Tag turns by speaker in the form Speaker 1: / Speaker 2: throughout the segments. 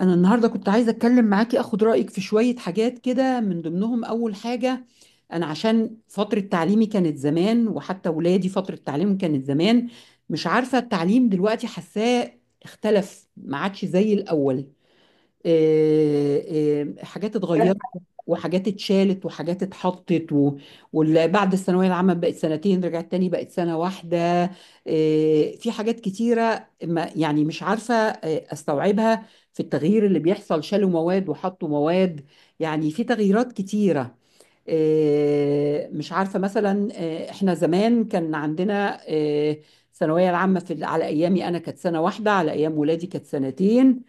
Speaker 1: أنا النهاردة كنت عايزة أتكلم معاكي أخد رأيك في شوية حاجات كده، من ضمنهم أول حاجة. أنا عشان فترة تعليمي كانت زمان، وحتى ولادي فترة تعليمهم كانت زمان. مش عارفة التعليم دلوقتي حاساه اختلف، ما عادش زي الأول. آه، حاجات اتغيرت، وحاجات اتشالت، وحاجات اتحطت، واللي بعد الثانوية العامة بقت سنتين رجعت تاني بقت سنة واحدة. في حاجات كتيرة، ما يعني مش عارفة استوعبها في التغيير اللي بيحصل. شالوا مواد وحطوا مواد، يعني في تغييرات كتيرة. مش عارفة مثلا، احنا زمان كان عندنا الثانوية العامة، في على أيامي أنا كانت سنة واحدة، على أيام ولادي كانت سنتين،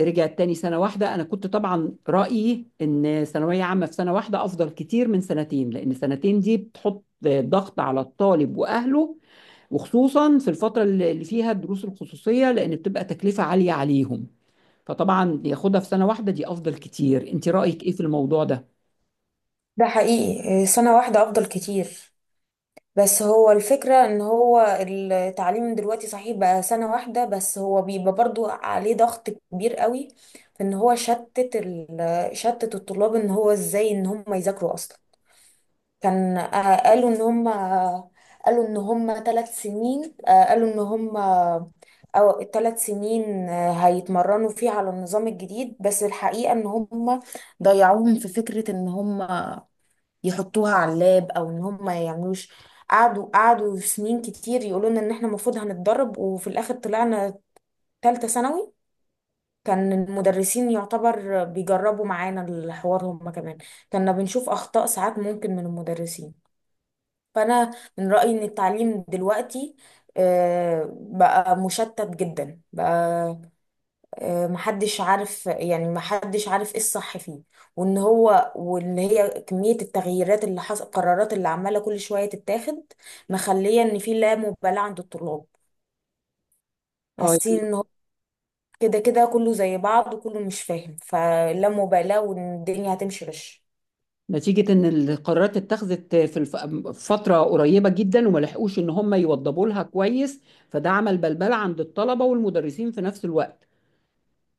Speaker 1: رجعت تاني سنة واحدة. أنا كنت طبعا رأيي إن ثانوية عامة في سنة واحدة أفضل كتير من سنتين، لأن سنتين دي بتحط ضغط على الطالب وأهله، وخصوصا في الفترة اللي فيها الدروس الخصوصية، لأن بتبقى تكلفة عالية عليهم. فطبعا ياخدها في سنة واحدة دي أفضل كتير. أنت رأيك إيه في الموضوع ده؟
Speaker 2: ده حقيقي سنة واحدة أفضل كتير. بس هو الفكرة إن هو التعليم دلوقتي صحيح بقى سنة واحدة، بس هو بيبقى برضو عليه ضغط كبير قوي في إن هو شتت الطلاب إن هو إزاي إن هم يذاكروا أصلا. كان قالوا إن هم 3 سنين. قالوا إن هم أو 3 سنين هيتمرنوا فيه على النظام الجديد. بس الحقيقة إن هم ضيعوهم في فكرة إن هم يحطوها على اللاب او ان هم ما يعملوش. قعدوا في سنين كتير يقولوا لنا ان احنا المفروض هنتدرب، وفي الاخر طلعنا تالتة ثانوي. كان المدرسين يعتبر بيجربوا معانا الحوار هم كمان، كنا بنشوف اخطاء ساعات ممكن من المدرسين. فانا من رأيي ان التعليم دلوقتي بقى مشتت جدا بقى. محدش عارف، يعني محدش عارف ايه الصح فيه، وان هو واللي هي كمية التغييرات اللي حصل، القرارات اللي عمالة كل شوية تتاخد، مخلية ان في لا مبالاة عند الطلاب.
Speaker 1: اه،
Speaker 2: حاسين
Speaker 1: يعني
Speaker 2: ان هو كده كده كله زي بعض وكله مش فاهم، فلا مبالاة وان الدنيا هتمشي غش.
Speaker 1: نتيجة إن القرارات اتخذت في فترة قريبة جدا، وما لحقوش إن هم يوضبوا لها كويس، فده عمل بلبلة عند الطلبة والمدرسين في نفس الوقت.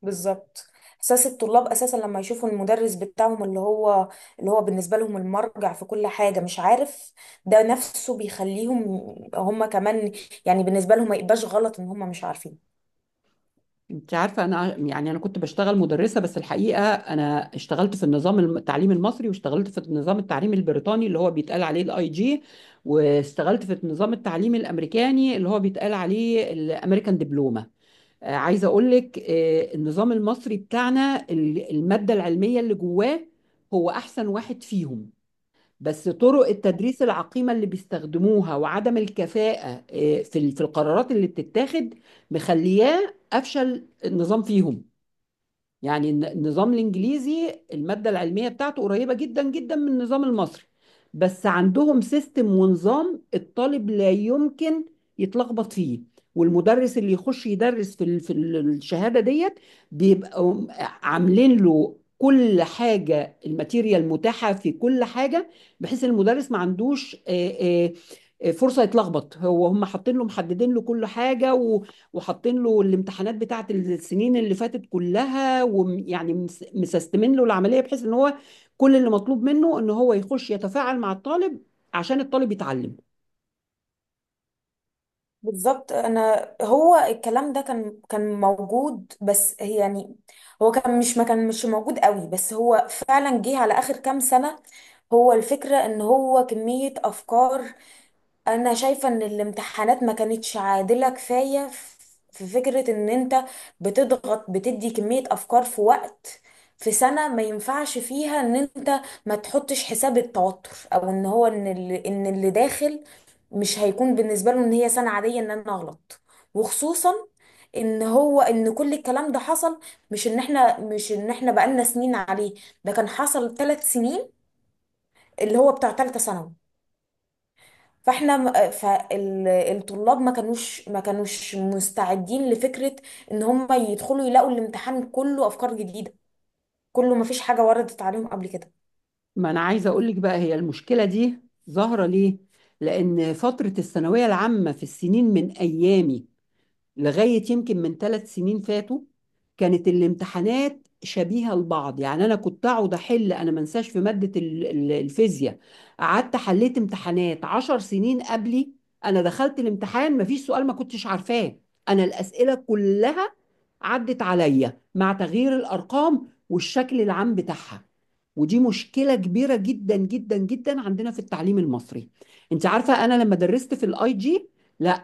Speaker 2: بالظبط. احساس الطلاب اساسا لما يشوفوا المدرس بتاعهم اللي هو بالنسبه لهم المرجع في كل حاجه مش عارف، ده نفسه بيخليهم هم كمان يعني بالنسبه لهم ما يبقاش غلط ان هم مش عارفين.
Speaker 1: انت عارفه، انا يعني انا كنت بشتغل مدرسه، بس الحقيقه انا اشتغلت في النظام التعليم المصري، واشتغلت في النظام التعليم البريطاني اللي هو بيتقال عليه الاي جي، واشتغلت في النظام التعليم الامريكاني اللي هو بيتقال عليه الامريكان دبلومه. عايزه اقول لك، النظام المصري بتاعنا الماده العلميه اللي جواه هو احسن واحد فيهم. بس طرق التدريس العقيمة اللي بيستخدموها، وعدم الكفاءة في القرارات اللي بتتاخد، مخلياه أفشل النظام فيهم. يعني النظام الانجليزي، الماده العلميه بتاعته قريبه جدا جدا من النظام المصري، بس عندهم سيستم ونظام الطالب لا يمكن يتلخبط فيه. والمدرس اللي يخش يدرس في الشهاده ديت، بيبقوا عاملين له كل حاجه، الماتيريال متاحه في كل حاجه، بحيث المدرس ما عندوش فرصه يتلخبط هو. هم حاطين له محددين له كل حاجه، وحاطين له الامتحانات بتاعت السنين اللي فاتت كلها، ويعني مسستمين له العملية، بحيث ان هو كل اللي مطلوب منه ان هو يخش يتفاعل مع الطالب عشان الطالب يتعلم.
Speaker 2: بالظبط. انا هو الكلام ده كان موجود، بس هي يعني هو كان مش موجود قوي، بس هو فعلا جه على اخر كام سنه. هو الفكره ان هو كميه افكار، انا شايفة ان الامتحانات ما كانتش عادلة كفاية. في فكرة ان انت بتضغط، بتدي كمية افكار في وقت، في سنة ما ينفعش فيها ان انت ما تحطش حساب التوتر، او ان هو ان اللي داخل مش هيكون بالنسبة له ان هي سنة عادية ان انا اغلط. وخصوصا ان هو ان كل الكلام ده حصل، مش ان احنا بقالنا سنين عليه. ده كان حصل 3 سنين اللي هو بتاع ثالثة ثانوي. فالطلاب ما كانوش مستعدين لفكرة ان هم يدخلوا يلاقوا الامتحان كله افكار جديدة، كله ما فيش حاجة وردت عليهم قبل كده.
Speaker 1: ما انا عايزة اقول لك بقى، هي المشكلة دي ظاهرة ليه؟ لان فترة الثانوية العامة في السنين من ايامي لغاية يمكن من 3 سنين فاتوا كانت الامتحانات شبيهة لبعض، يعني أنا كنت أقعد أحل، أنا ما انساش في مادة الفيزياء قعدت حليت امتحانات 10 سنين قبلي. أنا دخلت الامتحان ما فيش سؤال ما كنتش عارفاه، أنا الأسئلة كلها عدت عليا مع تغيير الأرقام والشكل العام بتاعها. ودي مشكلة كبيرة جدا جدا جدا عندنا في التعليم المصري. انت عارفة انا لما درست في الاي جي، لا،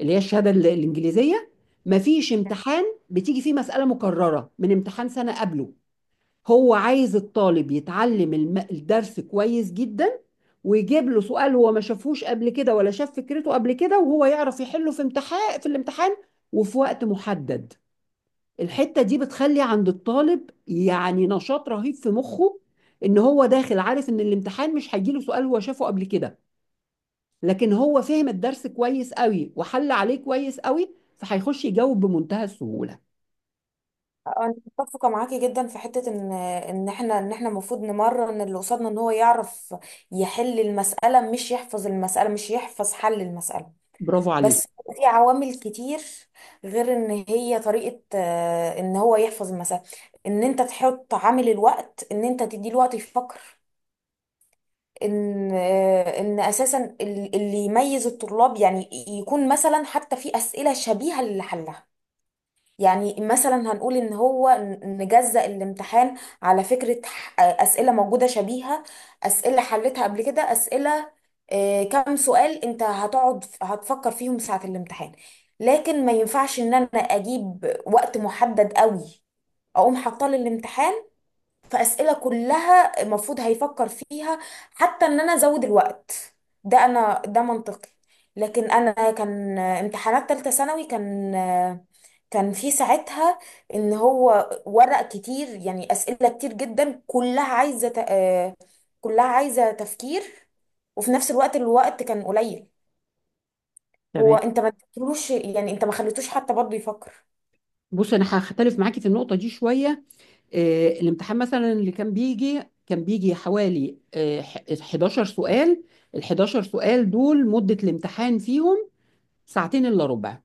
Speaker 1: اللي هي الشهاده الانجليزيه، مفيش امتحان بتيجي فيه مساله مكرره من امتحان سنه قبله. هو عايز الطالب يتعلم الدرس كويس جدا، ويجيب له سؤال هو ما شافهوش قبل كده، ولا شاف فكرته قبل كده، وهو يعرف يحله في امتحان في الامتحان وفي وقت محدد. الحتة دي بتخلي عند الطالب يعني نشاط رهيب في مخه، ان هو داخل عارف ان الامتحان مش هيجيله سؤال هو شافه قبل كده. لكن هو فهم الدرس كويس قوي، وحل عليه كويس قوي، فهيخش يجاوب بمنتهى السهولة.
Speaker 2: انا متفقة معاكي جدا في حتة ان ان احنا المفروض نمرن اللي قصادنا ان هو يعرف يحل المسألة، مش يحفظ المسألة، مش يحفظ حل المسألة.
Speaker 1: برافو عليك.
Speaker 2: بس في عوامل كتير غير ان هي طريقة ان هو يحفظ المسألة. ان انت تحط عامل الوقت، ان انت تدي له وقت يفكر. ان ان اساسا اللي يميز الطلاب يعني يكون مثلا حتى في اسئله شبيهه للي حلها. يعني مثلا هنقول ان هو نجزأ الامتحان على فكره. اسئله موجوده شبيهه، اسئله حلتها قبل كده، اسئله كام سؤال انت هتقعد هتفكر فيهم ساعه الامتحان. لكن ما ينفعش ان انا اجيب وقت محدد قوي اقوم حاطاه للامتحان، فأسئلة كلها المفروض هيفكر فيها، حتى ان انا ازود الوقت. ده انا ده منطقي. لكن انا كان امتحانات تالتة ثانوي كان في ساعتها ان هو ورق كتير، يعني أسئلة كتير جدا كلها عايزة كلها عايزة تفكير، وفي نفس الوقت الوقت كان قليل. هو
Speaker 1: تمام.
Speaker 2: انت ما اديتلوش، يعني انت ما خليتوش حتى برضه يفكر.
Speaker 1: بص انا هختلف معاكي في النقطة دي شوية. الامتحان مثلا اللي كان بيجي حوالي 11 سؤال، ال 11 سؤال دول مدة الامتحان فيهم ساعتين الا ربع.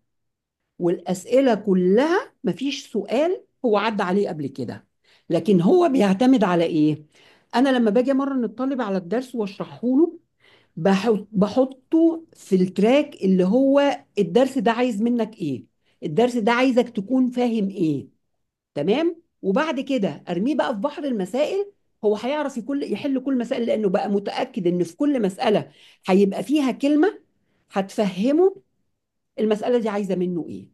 Speaker 1: والأسئلة كلها مفيش سؤال هو عدى عليه قبل كده، لكن هو بيعتمد على ايه؟ انا لما باجي امرن الطالب على الدرس واشرحه له، بحطه في التراك اللي هو الدرس ده عايز منك ايه، الدرس ده عايزك تكون فاهم ايه، تمام. وبعد كده ارميه بقى في بحر المسائل، هو هيعرف يحل كل مسائل، لانه بقى متأكد ان في كل مسألة هيبقى فيها كلمة هتفهمه المسألة دي عايزة منه ايه.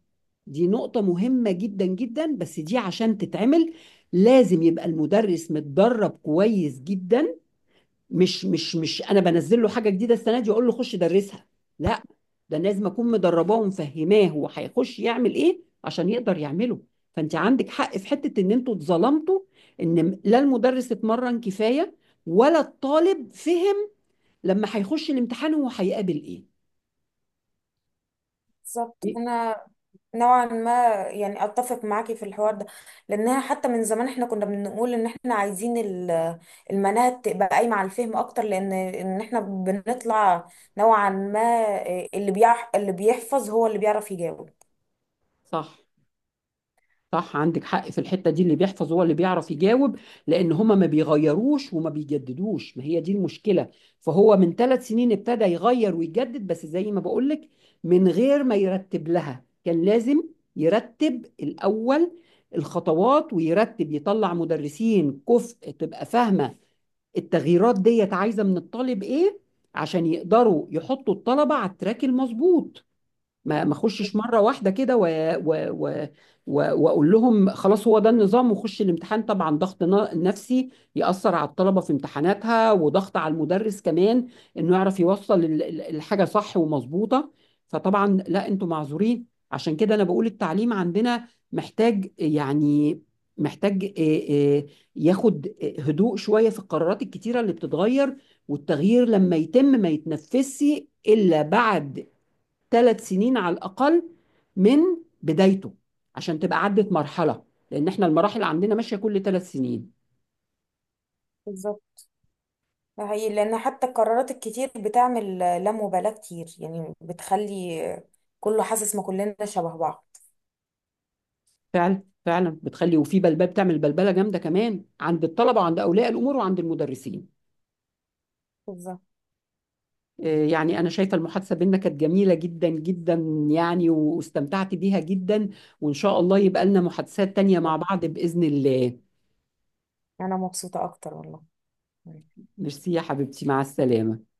Speaker 1: دي نقطة مهمة جدا جدا، بس دي عشان تتعمل لازم يبقى المدرس متدرب كويس جدا. مش انا بنزل له حاجه جديده السنه دي اقول له خش درسها. لا، ده أنا لازم اكون مدرباه ومفهماه هو هيخش يعمل ايه عشان يقدر يعمله. فانت عندك حق في حته ان انتوا اتظلمتوا، ان لا المدرس اتمرن كفايه ولا الطالب فهم، لما هيخش الامتحان هو هيقابل ايه.
Speaker 2: بالظبط. انا نوعا ما يعني اتفق معاكي في الحوار ده، لانها حتى من زمان احنا كنا بنقول ان احنا عايزين المناهج تبقى قايمه على الفهم اكتر، لان ان احنا بنطلع نوعا ما اللي بيحفظ هو اللي بيعرف يجاوب.
Speaker 1: صح. صح، عندك حق في الحتة دي، اللي بيحفظ هو اللي بيعرف يجاوب. لأن هما ما بيغيروش وما بيجددوش، ما هي دي المشكلة. فهو من 3 سنين ابتدى يغير ويجدد، بس زي ما بقولك من غير ما يرتب لها. كان لازم يرتب الأول الخطوات، ويرتب يطلع مدرسين كفء تبقى فاهمة التغييرات ديت عايزة من الطالب إيه، عشان يقدروا يحطوا الطلبة على التراك المظبوط. ما اخشش مره واحده كده و... و... و... واقول لهم خلاص هو ده النظام وخش الامتحان. طبعا ضغط نفسي ياثر على الطلبه في امتحاناتها، وضغط على المدرس كمان انه يعرف يوصل الحاجه صح ومظبوطه. فطبعا لا، انتوا معذورين. عشان كده انا بقول التعليم عندنا محتاج، يعني محتاج، ياخد هدوء شويه في القرارات الكتيره اللي بتتغير. والتغيير لما يتم ما يتنفسش الا بعد 3 سنين على الأقل من بدايته، عشان تبقى عدت مرحلة، لأن احنا المراحل عندنا ماشية كل 3 سنين.
Speaker 2: بالظبط. ده حقيقي لان حتى القرارات الكتير بتعمل لا مبالاه كتير، يعني بتخلي كله حاسس ما كلنا شبه بعض.
Speaker 1: فعلا فعلا بتخلي، وفي بلبلة، بتعمل بلبلة جامدة كمان عند الطلبة وعند أولياء الأمور وعند المدرسين.
Speaker 2: بالظبط.
Speaker 1: يعني أنا شايفة المحادثة بينا كانت جميلة جدا جدا، يعني واستمتعت بيها جدا، وإن شاء الله يبقى لنا محادثات تانية مع بعض بإذن الله.
Speaker 2: انا مبسوطه اكتر والله.
Speaker 1: ميرسي يا حبيبتي، مع السلامة.